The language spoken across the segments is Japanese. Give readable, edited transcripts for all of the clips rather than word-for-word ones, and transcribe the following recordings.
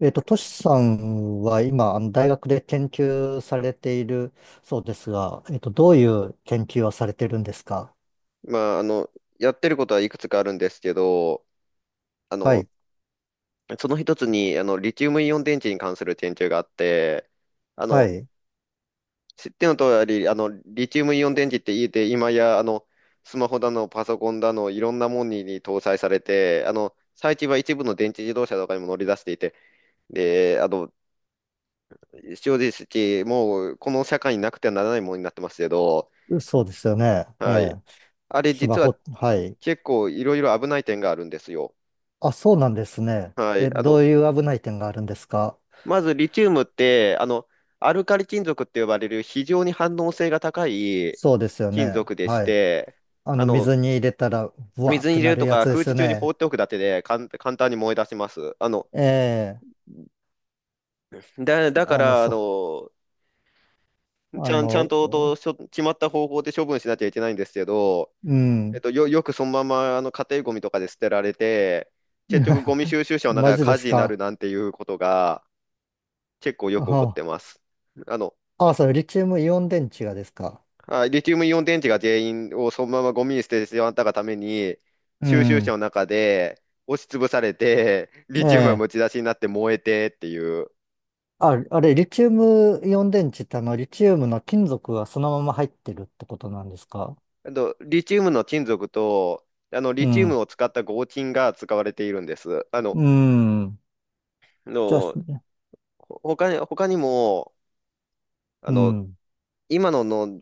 トシさんは今、あの大学で研究されているそうですが、どういう研究をされてるんですか？まあ、やってることはいくつかあるんですけど、あはの、い。その一つに、リチウムイオン電池に関する研究があって、あはの、い、知っての通り、リチウムイオン電池って言って今や、スマホだの、パソコンだの、いろんなものに搭載されて、最近は一部の電池自動車とかにも乗り出していて、で、正直、もう、この社会になくてはならないものになってますけど、そうですよね。えはい。え。あれ、スマ実はホ、はい。結構いろいろ危ない点があるんですよ。あ、そうなんですね。はい。え、どういう危ない点があるんですか？まずリチウムって、アルカリ金属って呼ばれる非常に反応性が高いそうですよ金ね。属でしはい。て、ああの、の、水に入れたら、ブワーっ水にて入れなるるとやかつで空す気よ中に放ね。っておくだけで簡単に燃え出します。ええ、だ、だかあの、ら、そ、ちあゃん、ちゃんの、と、と、しょ決まった方法で処分しなきゃいけないんですけど、うん。よくそのまま家庭ゴミとかで捨てられて、結局ゴミ 収集車の中マがジで火す事になるか？なんていうことが結構よく起こっあ、て ます。あの、あ、あそれ、リチウムイオン電池がですか？はい。リチウムイオン電池が全員をそのままゴミに捨ててしまったがために、う収集車ん。の中で押しつぶされて、えリチウムがえ。むき出しになって燃えてっていう。あ、あれ、リチウムイオン電池ってあの、リチウムの金属がそのまま入ってるってことなんですか？あと、リチウムの金属と、リうチウムん。を使った合金が使われているんです。うん。あじゃあ、の、ほ他に、他にも、あうの、ん。今の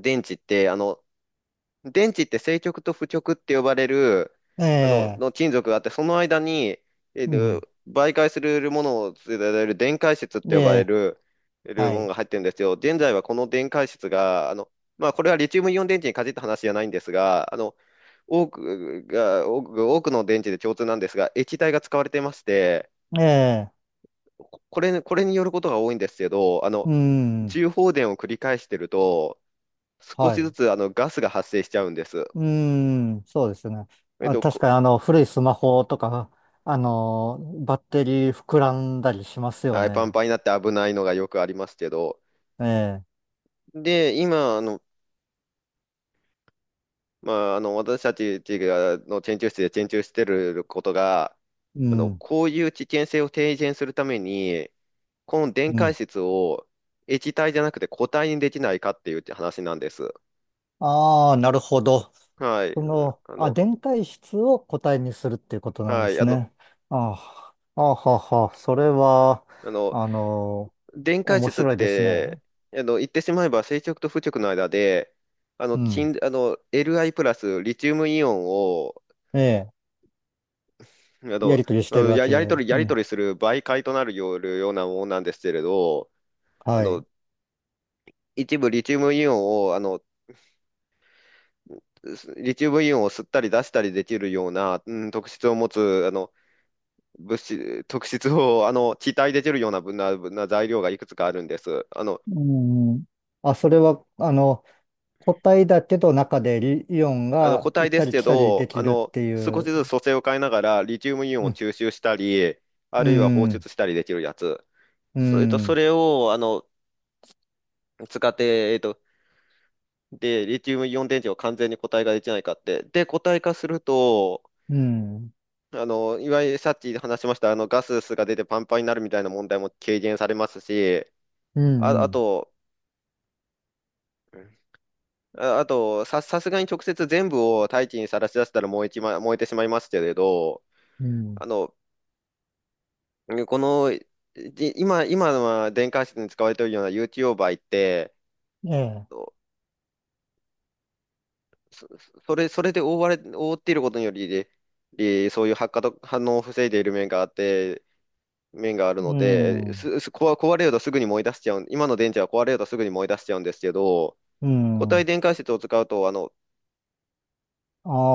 電池って、電池って正極と負極って呼ばれる、ええ。金属があって、その間に、えうーん。媒介するものを伝える電解質ってえ呼ばれえ。る、はものい。が入ってるんですよ。現在はこの電解質が、まあ、これはリチウムイオン電池に限った話じゃないんですが、多くの電池で共通なんですが、液体が使われてまして、ええ。これによることが多いんですけど、うん。重放電を繰り返してると、少はしずい。つガスが発生しちゃうんです。うん。そうですね。えっあ、と、確かにあの、古いスマホとか、あの、バッテリー膨らんだりしますよはい、パンね。パンになって危ないのがよくありますけど、ええ。で、今、まあ、私たちがの研究室で研究してることが、うん。こういう危険性を低減するために、この電う解ん。質を液体じゃなくて固体にできないかっていう話なんです。ああ、なるほど。はい。そうん。の、あ、電解質を固体にするっていうことなんはでい。すね。ああ、ああはあはあ、それは、あの、あの、電解面質っ白いですて、ね。言ってしまえば正極と負極の間で、うん。金、あの、Li プラスリチウムイオンをええ、あやと、りとりしてうるんわや、け。やりう取り、やり取ん。りする媒介となるようなものなんですけれど、あはい。の、一部リチウムイオンを、リチウムイオンを吸ったり出したりできるような、特質を持つ、物質、特質を、気体できるようなぶな、ぶな材料がいくつかあるんです。うん。あ、それは、あの、固体だけど中でイイオンが固行体っでたすりけ来たりでど、きるってい少しう。ずつ組成を変えながら、リチウムイオンうをん。吸収したり、あうるいは放ん。出したりできるやつ。うそん。れを、使って、で、リチウムイオン電池を完全に固体化できないかって。で、固体化すると、うん。いわゆるさっき話しました、ガスが出てパンパンになるみたいな問題も軽減されますし、うあ、あん。と、あ、あと、さ、さすがに直接全部を大気にさらし出したら燃えてしまいますけれど、うん。うんあの、この、今のは電解質に使われているような有機溶媒って、ええ。そ、そそれで覆われ、覆っていることにより、そういう発火と反応を防いでいる面があって、面があるうので、ん。す、す、壊壊れるとすぐに燃え出しちゃうん、今の電池は壊れるとすぐに燃え出しちゃうんですけど、う固体ん。電解質を使うと、あの、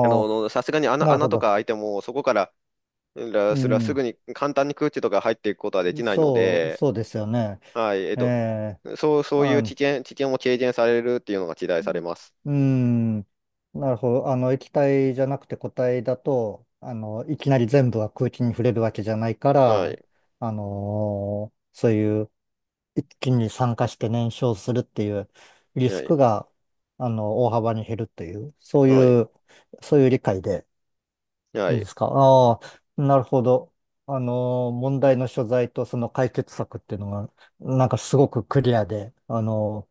ああ。さすがに穴、なる穴ほとど。か開いても、そこから、うらすぐん、に簡単に空気とか入っていくことはできないので、そうですよね。はい、ええ、そう、そういあ、うう危ん、険、危険も軽減されるっていうのが期待されます。なるほど。あの、液体じゃなくて固体だと、あの、いきなり全部は空気に触れるわけじゃないかはら、い、あのー、そういう一気に酸化して燃焼するっていうリはスい、クが、あの、大幅に減るっていう、そうはい、いう、そういう理解ではいいでい、すか。ああ、なるほど。あのー、問題の所在とその解決策っていうのが、なんかすごくクリアで、あの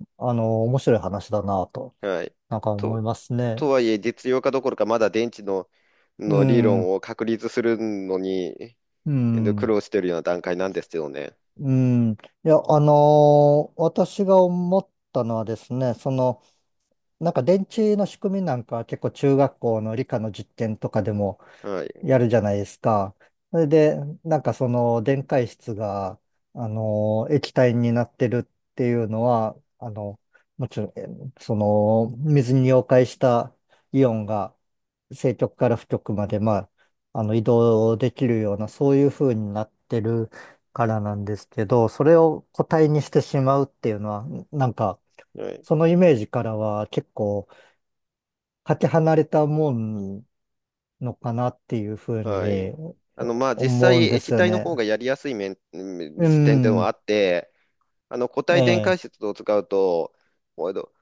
ー、あのー、面白い話だなと、はい。なんか思いと、ますね。とはいえ、実用化どころか、まだ電池の、うの理ん、う論を確立するのに、で、苦ん、労してるような段階なんですよね。うん。いや、あのー、私が思ったのはですね、その、なんか電池の仕組みなんかは結構中学校の理科の実験とかでもはやい。るじゃないですか。それで、なんかその電解質が、あの、液体になってるっていうのは、あの、もちろん、え、その、水に溶解したイオンが正極から負極まで、まあ、あの、移動できるような、そういう風になってるからなんですけど、それを固体にしてしまうっていうのは、なんか、はい。そのイメージからは結構かけ離れたもんのかなっていうふうはにい。まあ、実思う際、んで液すよ体のね。方がやりやすい面、うんう点っはん、あって、固え体電解え、質を使うと、おいど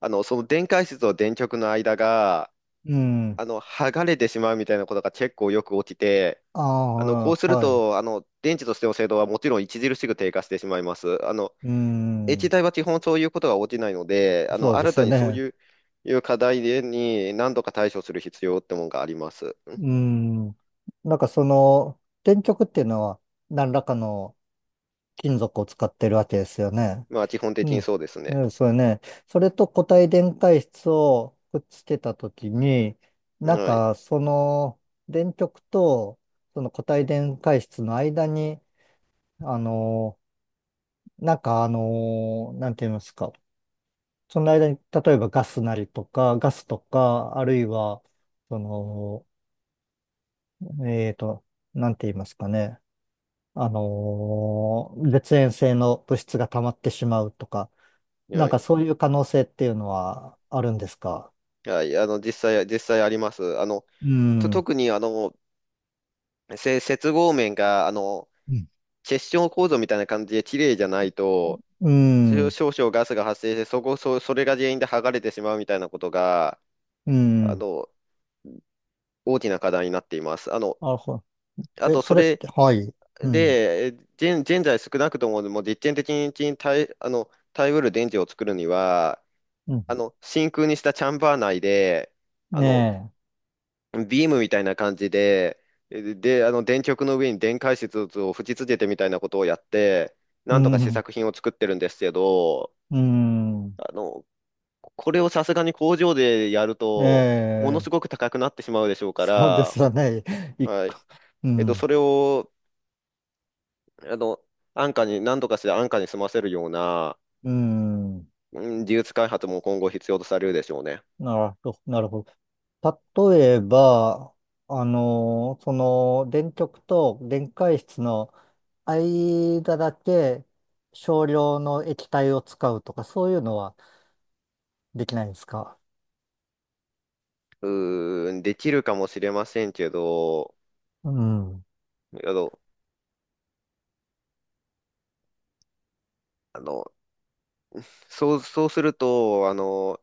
あの、その電解質と電極の間が、うん、剥がれてしまうみたいなことが結構よく起きて、あこうすあ、るはい、と、電池としての精度はもちろん著しく低下してしまいます。う液ん、体は基本そういうことが起きないので、そうで新すたよにそうね。いう、いう課題に何度か対処する必要ってもんがあります。うん、なんかその、電極っていうのは何らかの金属を使ってるわけですよね。まあ、基本う的ん、にそうですうね。ん、そうね。それと固体電解質をくっつけたときに、なんはい。かその電極とその固体電解質の間に、あの、なんかあのー、なんて言いますか。その間に、例えばガスなりとか、ガスとか、あるいは、その、えーと、なんて言いますかね。あのー、絶縁性の物質が溜まってしまうとか、なんはかい。そういう可能性っていうのはあるんですか？はい。実際あります。うん、う特に、接合面が、ん、結晶構造みたいな感じで綺麗じゃないと、う少ん、少々ガスが発生して、そこ、そ、それが原因で剥がれてしまうみたいなことが、うあん。の、大きな課題になっています。あの、なるほあど。え、と、そそれっれ、て、はい。うん、で、現在少なくとも、もう実験的に耐えうる電池を作るには、うん。真空にしたチャンバー内で、あの、ねビームみたいな感じで、で、電極の上に電解質を吹き付けてみたいなことをやって、え。なうんとか試ん、作品を作ってるんですけど、うん。あの、これをさすがに工場でやると、ものえすえ、ごく高くなってしまうでしょうかそうですら、よね。一は個、い。うそん、れを、あの、安価に、何とかして安価に済ませるような、うん、うん、技術開発も今後必要とされるでしょうね。なるほど、なるほど。例えば、あの、その、電極と電解質の間だけ少量の液体を使うとか、そういうのはできないですか？うーん、できるかもしれませんけど、うん。あの、あのそうすると、あの、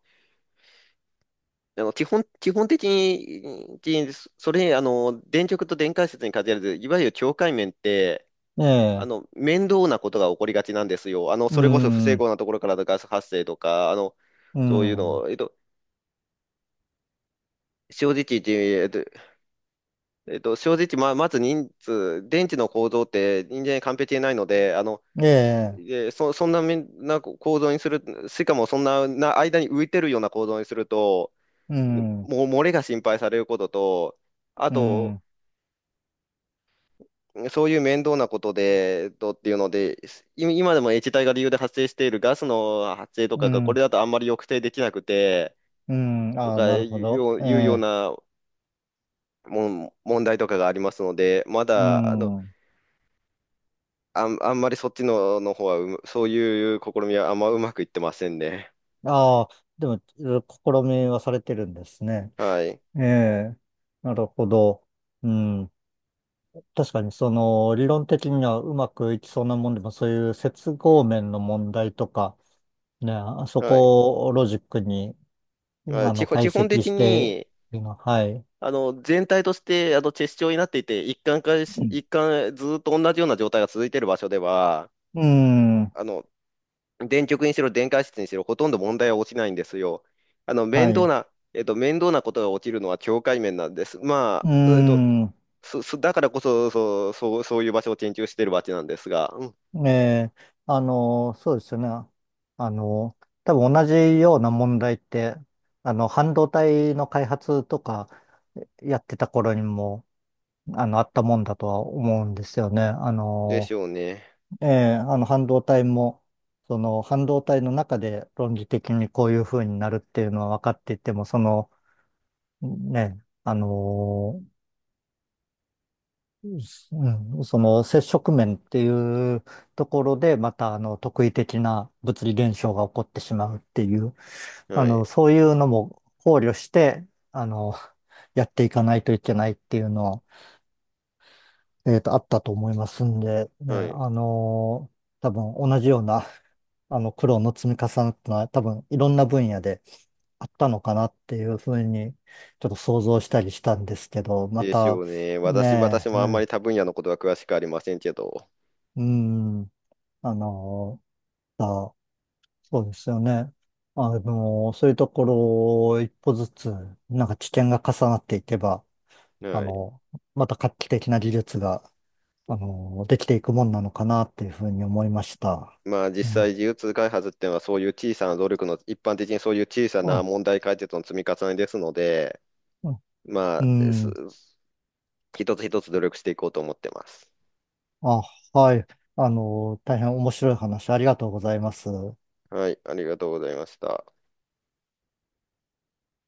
あの基本、基本的に、きそれ、あの、電極と電解質に限らず、いわゆる境界面って、ええ、面倒なことが起こりがちなんですよ。そうれこそ不整ん、合なところからのガス発生とか、うそういうん、の、正直言って、えっと、正直、まず人数、電池の構造って人間に完璧でないので、ええ、で、そんなみんな構造にする、しかもそんな、間に浮いてるような構造にすると、うん、もう漏れが心配されることと、あうと、ん、そういう面倒なことで、っていうので、今でも液体が理由で発生しているガスの発生とうかが、これん、だとあんまり抑制できなくて、うん、とああ、かなるいほうど。よう、えいうようえ、な問題とかがありますので、まうだ、あの、ん。あん、あんまりそっちの、方はうむ、そういう試みはあんまうまくいってませんね。ああ、でも、いろいろ試みはされてるんですね。はい。ええ、なるほど。うん。確かに、その、理論的にはうまくいきそうなもんでも、そういう接合面の問題とか、ね、あそはい。こをロジックに、ああ基の、本、解基本析的して、に、いうのは、はい。全体として、チェス状になっていて、一貫化し、うん。一貫、ずーっと同じような状態が続いている場所では、うん、あの、電極にしろ、電解質にしろ、ほとんど問題は落ちないんですよ。あの、面は倒い。な、面倒なことが起きるのは境界面なんです。まうあ、えっと、ん。そ、そ、だからこそ、そういう場所を研究しているわけなんですが、うん、ええ、あの、そうですよね。あの、多分同じような問題って、あの、半導体の開発とかやってた頃にも、あの、あったもんだとは思うんですよね。あでしの、ょうね。ええ、あの、半導体も、その、半導体の中で論理的にこういう風になるっていうのは分かっていても、その、ね、あの、うん、その接触面っていうところで、またあの特異的な物理現象が起こってしまうっていう、あはの、い。そういうのも考慮して、あの、やっていかないといけないっていうのは、あったと思いますんで、ね、はい。あの、多分同じような、あの、苦労の積み重なったのは、多分いろんな分野であったのかなっていうふうに、ちょっと想像したりしたんですけど、までしょた、うね。私ねえ、もあんまりう他分野のことは詳しくありませんけど。ん、うん、あの、あ、そうですよね。あの、そういうところを一歩ずつ、なんか知見が重なっていけば、あはい。の、また画期的な技術が、あの、できていくもんなのかなっていうふうに思いました。まあう実ん、際 G2 開発っていうのはそういう小さな努力の、一般的にそういう小さうなん、問題解決の積み重ねですので、うまあ、ん、うん、一つ一つ努力していこうと思ってます。あ、はい。あの、大変面白い話ありがとうございます。はい、ありがとうございました。